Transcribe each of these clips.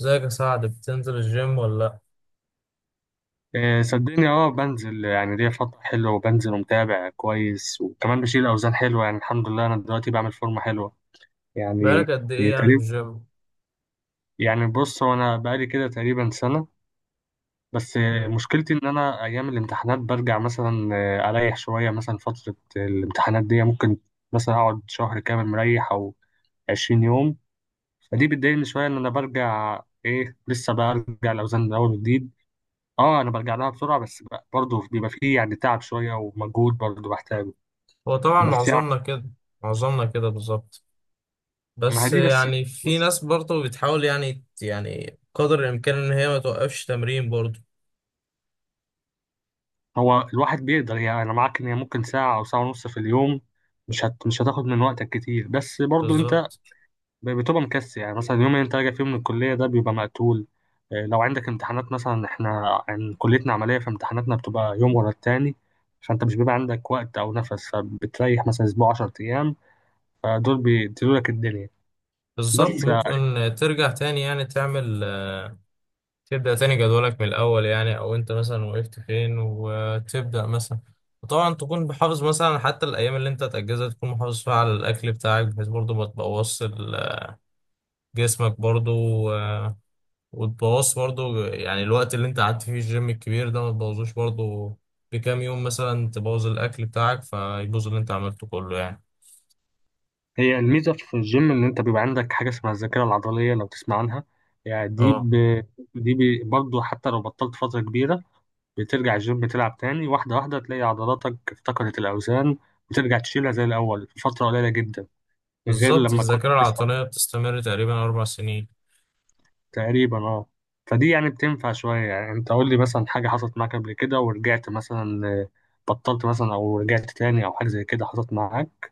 ازيك يا سعد، بتنزل الجيم ولا لأ؟ آه، صدقني اه بنزل يعني ليا فترة حلوة وبنزل ومتابع كويس، وكمان بشيل أوزان حلوة يعني الحمد لله. أنا دلوقتي بعمل فورمة حلوة بقالك يعني. قد إيه هي يعني في تقريبا الجيم؟ يعني بص، هو أنا بقالي كده تقريبا سنة بس. آه، مم. مشكلتي إن أنا أيام الامتحانات برجع مثلا، آه، أريح شوية. مثلا فترة الامتحانات دي ممكن مثلا أقعد شهر كامل مريح أو 20 يوم. فدي بتضايقني شوية إن أنا برجع، إيه، لسه برجع الأوزان من أول وجديد. اه انا برجع لها بسرعه بس برضه بيبقى فيه يعني تعب شويه ومجهود برضه بحتاجه. هو طبعا بس يعني معظمنا كده، معظمنا كده بالظبط. ما هي بس دي بس يعني في بس ناس برضه بتحاول يعني قدر الإمكان إن هي ما توقفش تمرين برضه. هو الواحد بيقدر يعني. انا معاك ان هي ممكن ساعه او ساعه ونص في اليوم، مش هتاخد من وقتك كتير، بس برضه انت بالظبط. بتبقى مكسل. يعني مثلا اليوم اللي انت راجع فيه من الكليه ده بيبقى مقتول. آه، لو عندك امتحانات مثلا، احنا عن كليتنا عمليه فامتحاناتنا بتبقى يوم ورا التاني. فانت مش بيبقى عندك وقت او نفس، فبتريح مثلا اسبوع 10 ايام. فدول بيديلولك الدنيا بالظبط بس. ممكن ترجع تاني، يعني تعمل، تبدأ تاني جدولك من الأول، يعني أو أنت مثلا وقفت فين وتبدأ مثلا. وطبعا تكون محافظ مثلا، حتى الأيام اللي أنت تأجزها تكون محافظ فيها على الأكل بتاعك، بحيث برضه ما تبوظش جسمك برضو. آه، وتبوظ برضو يعني الوقت اللي انت قعدت فيه الجيم الكبير ده ما تبوظوش برضو. بكام يوم مثلا تبوظ الاكل بتاعك فيبوظ اللي انت عملته كله يعني. هي الميزة في الجيم إن أنت بيبقى عندك حاجة اسمها الذاكرة العضلية، لو تسمع عنها يعني. اه، برضه حتى لو بطلت فترة كبيرة بترجع الجيم تلعب تاني، واحدة واحدة تلاقي عضلاتك افتقدت الأوزان، بترجع تشيلها زي الأول في فترة قليلة جدا، غير بالظبط. لما كنت الذاكرة لسه. العضلية بتستمر تقريبا اربع سنين. تقريبا اه. فدي يعني بتنفع شوية. يعني أنت قول لي مثلا حاجة حصلت معاك قبل كده ورجعت مثلا، آه، بطلت مثلا أو رجعت تاني، أو حاجة زي كده حصلت معاك.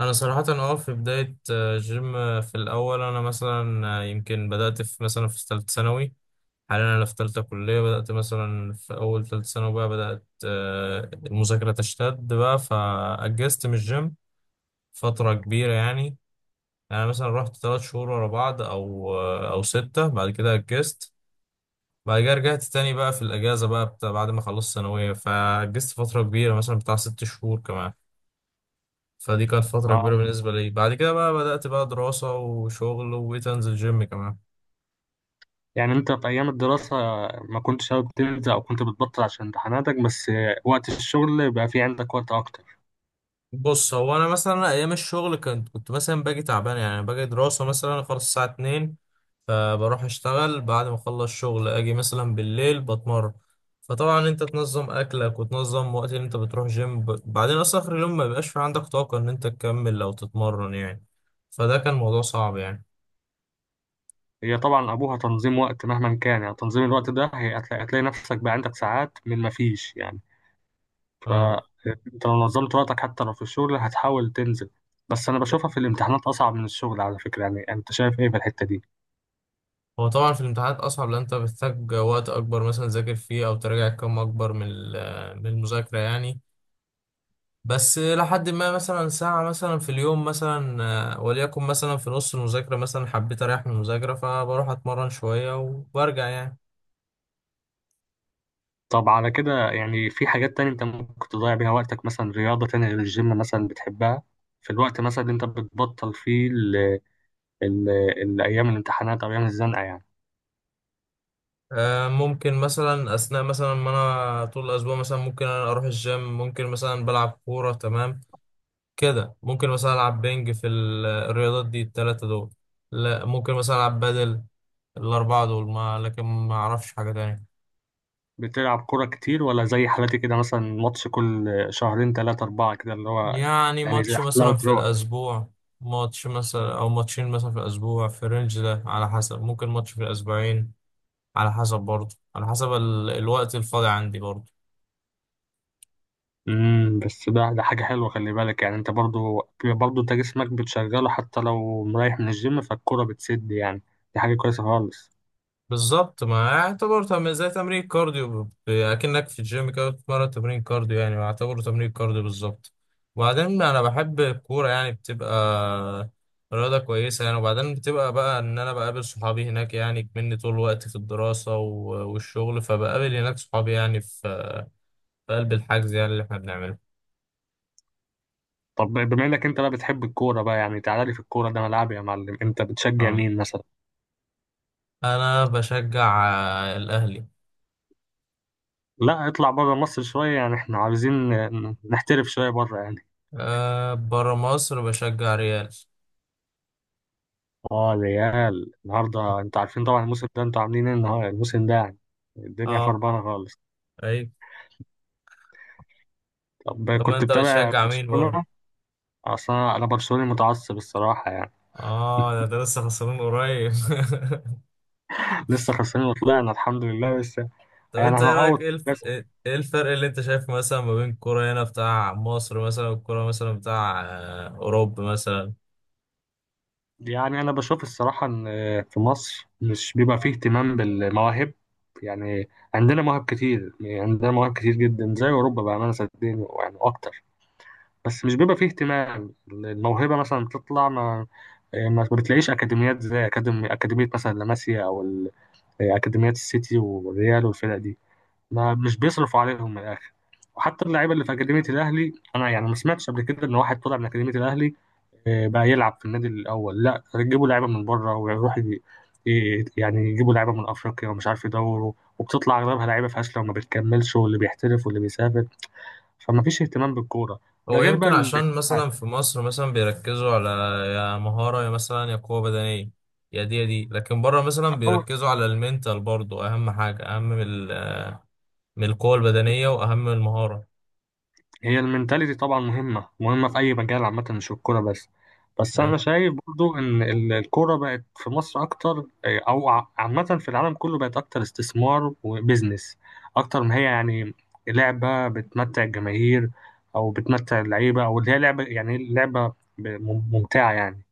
انا صراحة، في بداية، جيم، في الاول انا مثلا، يمكن بدأت في مثلا في ثالثة ثانوي. حاليا انا في ثالثة كلية، بدأت مثلا في اول ثالثة ثانوي بقى بدأت، المذاكرة تشتد بقى فأجزت من الجيم فترة كبيرة يعني. يعني انا مثلا رحت ثلاث شهور ورا بعض او ستة، بعد كده اجزت. بعد كده رجعت تاني بقى في الاجازة، بقى بتاع بعد ما خلصت ثانوية، فاجزت فترة كبيرة مثلا بتاع ست شهور كمان. فدي كانت فترة آه. كبيرة بالنسبة لي. بعد كده بقى بدأت بقى دراسة وشغل، وبقيت انزل جيم كمان. يعني انت في ايام الدراسة ما كنتش حابب تنزل، او كنت بتبطل عشان امتحاناتك بس، وقت الشغل بقى في عندك وقت اكتر؟ بص، هو انا مثلا ايام الشغل كنت مثلا باجي تعبان. يعني أنا باجي دراسه مثلا، خلاص الساعه 2 فبروح اشتغل، بعد ما اخلص شغل اجي مثلا بالليل بتمرن. فطبعا انت تنظم اكلك وتنظم وقت اللي انت بتروح جيم. بعدين اصلا اخر اليوم ما بيبقاش في عندك طاقه ان انت تكمل او تتمرن يعني. فده كان موضوع صعب يعني. هي طبعا ابوها تنظيم وقت مهما كان، يعني تنظيم الوقت ده هتلاقي نفسك بقى عندك ساعات من ما فيش يعني. اه. فانت لو نظمت وقتك حتى لو في الشغل هتحاول تنزل. بس انا بشوفها في الامتحانات اصعب من الشغل على فكرة. يعني انت شايف ايه في الحتة دي؟ هو طبعا في الامتحانات اصعب، لان انت بتحتاج وقت اكبر مثلا تذاكر فيه او تراجع كم اكبر من المذاكره يعني. بس لحد ما مثلا ساعة مثلا في اليوم مثلا، وليكن مثلا في نص المذاكرة مثلا حبيت أريح من المذاكرة، فبروح أتمرن شوية وبرجع يعني. طب على كده، يعني في حاجات تانية انت ممكن تضيع بيها وقتك، مثلا رياضة تانية غير الجيم مثلا بتحبها في الوقت مثلا اللي انت بتبطل فيه، ال- أيام الامتحانات أو أيام الزنقة يعني؟ ممكن مثلا أثناء مثلا ما أنا طول الأسبوع مثلا، ممكن أنا أروح الجيم، ممكن مثلا بلعب كورة تمام. كده ممكن مثلا ألعب بينج في الرياضات دي التلاتة دول. لا، ممكن مثلا ألعب بدل الأربعة دول، ما لكن ما أعرفش حاجة تانية. بتلعب كورة كتير ولا زي حالتي كده، مثلا ماتش كل شهرين تلاتة أربعة كده، اللي هو يعني يعني زي ماتش مثلا حلاوة في روح؟ الأسبوع. ماتش مثلا أو ماتشين مثلا في الأسبوع، في الرينج ده على حسب. ممكن ماتش في الأسبوعين، على حسب. برضه على حسب الوقت الفاضي عندي برضه. امم، بس ده حاجة حلوة. خلي بالك يعني، أنت برضو أنت جسمك بتشغله حتى لو مريح من الجيم، فالكورة بتسد يعني. دي حاجة كويسة خالص. بالظبط، ما يعتبر زي تمرين كارديو، أكنك في الجيم كده بتتمرن تمرين كارديو يعني، يعتبر تمرين كارديو بالظبط. وبعدين أنا بحب الكورة، يعني بتبقى رياضة كويسة يعني. وبعدين بتبقى بقى إن أنا بقابل صحابي هناك يعني، مني طول الوقت في الدراسة والشغل، فبقابل هناك صحابي يعني، في قلب الحجز يعني اللي احنا بنعمله. طب بما إنك أنت بقى بتحب الكورة بقى، يعني تعالى لي في الكورة، ده ملعبي يا معلم. أنت بتشجع اه، مين مثلا؟ انا بشجع، الاهلي. لا اطلع بره مصر شوية، يعني إحنا عاوزين نحترف شوية بره يعني. أه، بره مصر بشجع ريال. اه الريال، النهارده انتوا عارفين طبعا الموسم ده انتوا عاملين ايه النهارده الموسم ده يعني. الدنيا اه. خربانه خالص. اي. طب طب ما كنت انت بتابع بتشجع مين بره؟ برشلونه؟ اصلا انا برشلوني متعصب الصراحه يعني. اه، ده لسه خسران قريب. لسه خسرانين وطلعنا الحمد لله بس. طب يعني انت ايه رايك؟ هنعوض بس. ايه الفرق اللي انت شايفه مثلا، ما بين الكوره هنا بتاع مصر مثلا والكوره مثلا بتاع، اوروبا مثلا؟ يعني انا بشوف الصراحه ان في مصر مش بيبقى فيه اهتمام بالمواهب. يعني عندنا مواهب كتير، يعني عندنا مواهب كتير جدا زي اوروبا، بامانه صدقني يعني اكتر. بس مش بيبقى فيه اهتمام. الموهبة مثلا بتطلع ما بتلاقيش أكاديميات زي أكاديمية مثلا لاماسيا أو أكاديميات السيتي والريال والفرق دي. ما مش بيصرفوا عليهم من الآخر. وحتى اللعيبة اللي في أكاديمية الأهلي، أنا يعني ما سمعتش قبل كده إن واحد طلع من أكاديمية الأهلي، آه، بقى يلعب في النادي الأول. لا يجيبوا لعيبة من بره، ويروح يعني يجيبوا لعيبة من أفريقيا ومش عارف يدوروا، وبتطلع أغلبها لعيبة فاشلة وما بتكملش، واللي بيحترف واللي بيسافر. فما فيش اهتمام بالكورة. ده هو غير بقى يمكن عشان مثلا في مصر مثلا بيركزوا على، يا مهارة، يا مثلا يا قوة بدنية، يا دي يا دي. لكن بره مثلا هو. بيركزوا على المنتال برضو، أهم حاجة، أهم من القوة البدنية وأهم من المهارة. هي المنتاليتي طبعا مهمة في أي مجال عامة، مش في الكورة بس. بس أنا أي. شايف برضو إن الكورة بقت في مصر أكتر، إيه، أو عامة في العالم كله بقت أكتر استثمار وبزنس، أكتر ما هي يعني لعبة بتمتع الجماهير أو بتمتع اللعيبة، أو اللي هي لعبة يعني لعبة ممتعة يعني.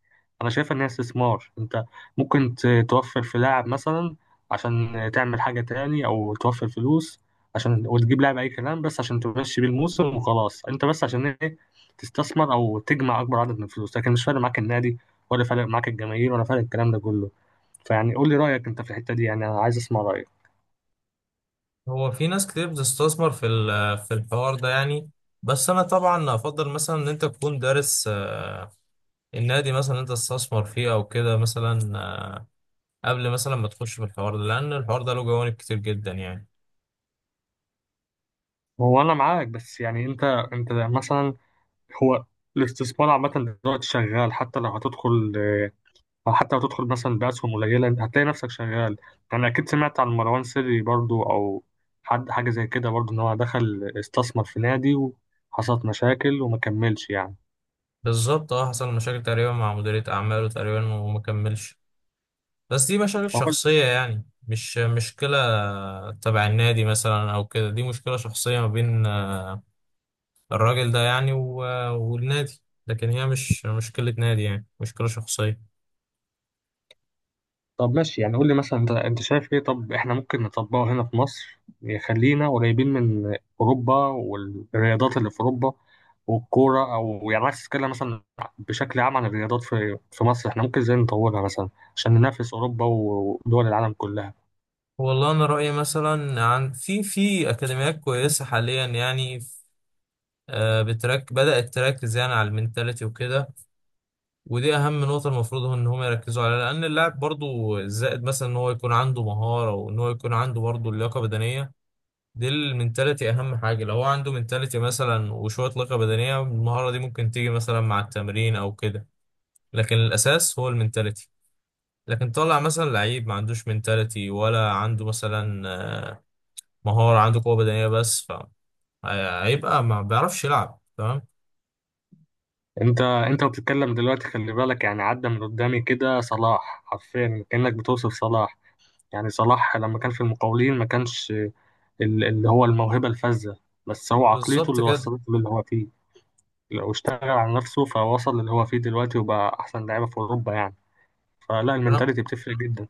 أنا شايف إن هي استثمار. أنت ممكن توفر في لاعب مثلا عشان تعمل حاجة تاني، أو توفر فلوس عشان وتجيب لاعب اي كلام بس عشان تمشي بيه الموسم وخلاص. انت بس عشان ايه؟ تستثمر او تجمع اكبر عدد من الفلوس، لكن مش فارق معاك النادي، ولا فارق معاك الجماهير، ولا فارق الكلام ده كله. فيعني قول لي رايك انت في الحته دي، يعني انا عايز اسمع رايك. هو في ناس كتير بتستثمر في الحوار ده يعني. بس أنا طبعا أفضل مثلا إن أنت تكون دارس، النادي مثلا اللي أنت تستثمر فيه أو كده مثلا، قبل مثلا ما تخش في الحوار ده، لأن الحوار ده له جوانب كتير جدا يعني. هو انا معاك، بس يعني انت مثلا، هو الاستثمار عامه دلوقتي شغال. حتى لو هتدخل أو حتى لو تدخل مثلا بأسهم قليلة، أنت هتلاقي نفسك شغال. يعني أكيد سمعت عن مروان سري برضو، أو حد حاجة زي كده برضو، إن هو دخل استثمر في نادي وحصلت مشاكل وما كملش يعني. بالظبط، اه. حصل مشاكل تقريبا مع مديرية أعماله تقريبا وما كملش. بس دي مشاكل فقلت، شخصية يعني، مش مشكلة تبع النادي مثلا أو كده. دي مشكلة شخصية ما بين، الراجل ده يعني، والنادي. لكن هي مش مشكلة نادي، يعني مشكلة شخصية. طب ماشي يعني. قول لي مثلا، أنت أنت شايف إيه؟ طب إحنا ممكن نطبقه هنا في مصر يخلينا قريبين من أوروبا والرياضات اللي في أوروبا والكورة؟ أو يعني عايز تتكلم مثلا بشكل عام عن الرياضات في مصر، إحنا ممكن إزاي نطورها مثلا عشان ننافس أوروبا ودول العالم كلها؟ والله أنا رأيي مثلا، عن، في أكاديميات كويسة حاليا يعني. آه، بترك بدأت تركز يعني على المنتاليتي وكده. ودي اهم نقطه. المفروض هو ان هم يركزوا عليها، لان اللاعب برضو الزائد مثلا ان هو يكون عنده مهاره وان هو يكون عنده برضو لياقه بدنيه، دي المنتاليتي اهم حاجه. لو هو عنده منتاليتي مثلا وشويه لياقه بدنيه، المهاره دي ممكن تيجي مثلا مع التمرين او كده. لكن الاساس هو المنتاليتي. لكن طلع مثلا لعيب ما عندوش منتاليتي، ولا عنده مثلا مهاره، عنده قوه بدنيه بس، فهيبقى ما بيعرفش يلعب تمام. انت انت بتتكلم دلوقتي، خلي بالك، يعني عدى من قدامي كده صلاح، حرفيا كأنك بتوصف صلاح. يعني صلاح لما كان في المقاولين ما كانش اللي هو الموهبة الفذة، بس هو عقليته بالظبط اللي كده. وصلته للي هو فيه. لو اشتغل على نفسه فوصل للي هو فيه دلوقتي، وبقى احسن لعيبة في اوروبا يعني. فلا، المنتاليتي بتفرق جدا.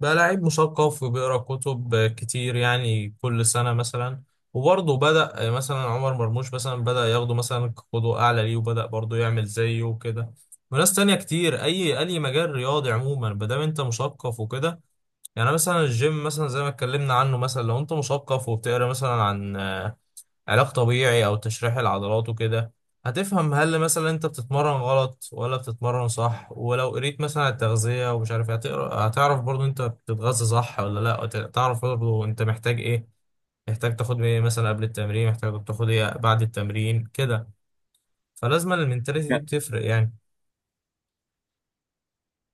بقى لعيب مثقف وبيقرا كتب كتير يعني، كل سنة مثلا. وبرضه بدأ مثلا عمر مرموش مثلا بدأ ياخده مثلا قدوة أعلى ليه، وبدأ برضه يعمل زيه وكده. وناس تانية كتير. أي مجال رياضي عموما مادام أنت مثقف وكده. يعني مثلا الجيم مثلا زي ما اتكلمنا عنه مثلا، لو أنت مثقف وبتقرا مثلا عن علاج طبيعي او تشريح العضلات وكده، هتفهم هل مثلا انت بتتمرن غلط ولا بتتمرن صح. ولو قريت مثلا على التغذية ومش عارف إيه، هتقرا هتعرف برضو انت بتتغذى صح ولا لا، وت- تعرف برضو انت محتاج ايه، محتاج تاخد ايه مثلا قبل التمرين، محتاج تاخد ايه بعد التمرين كده. فلازم المنتاليتي دي بتفرق يعني.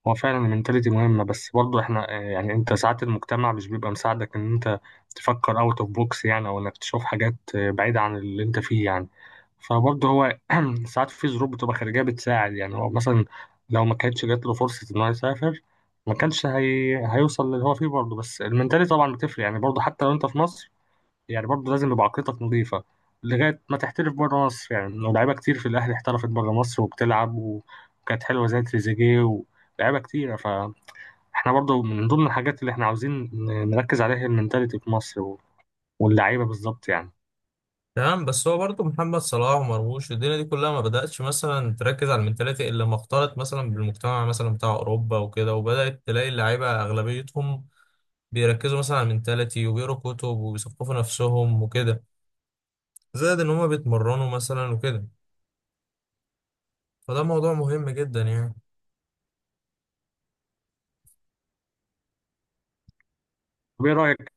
هو فعلا المنتاليتي مهمة، بس برضه احنا، آه، يعني انت ساعات المجتمع مش بيبقى مساعدك ان انت تفكر اوت اوف بوكس يعني، او انك تشوف حاجات، آه، بعيدة عن اللي انت فيه يعني. فبرضه هو ساعات في ظروف بتبقى خارجية بتساعد يعني. هو مثلا لو ما كانتش جات له فرصة ان هو يسافر ما كانش هيوصل للي هو فيه برضه. بس المنتاليتي طبعا بتفرق يعني، برضه حتى لو انت في مصر، يعني برضه لازم يبقى عقليتك نظيفة لغاية ما تحترف بره مصر يعني. لو لعيبة كتير في الأهلي احترفت بره مصر وبتلعب وكانت حلوة زي تريزيجيه ولاعيبة كتيرة، فاحنا برضه من ضمن الحاجات اللي احنا عاوزين نركز عليها هي المنتاليتي في مصر واللعيبة بالظبط يعني. تمام، بس هو برضو محمد صلاح ومرموش، الدنيا دي كلها ما بدأتش مثلا تركز على المنتاليتي الا لما اختلط مثلا بالمجتمع مثلا بتاع اوروبا وكده، وبدأت تلاقي اللعيبة اغلبيتهم بيركزوا مثلا على المنتاليتي وبيقروا كتب وبيثقفوا نفسهم وكده، زائد ان هما بيتمرنوا مثلا وكده. فده موضوع مهم جدا يعني. طب ايه رأيك؟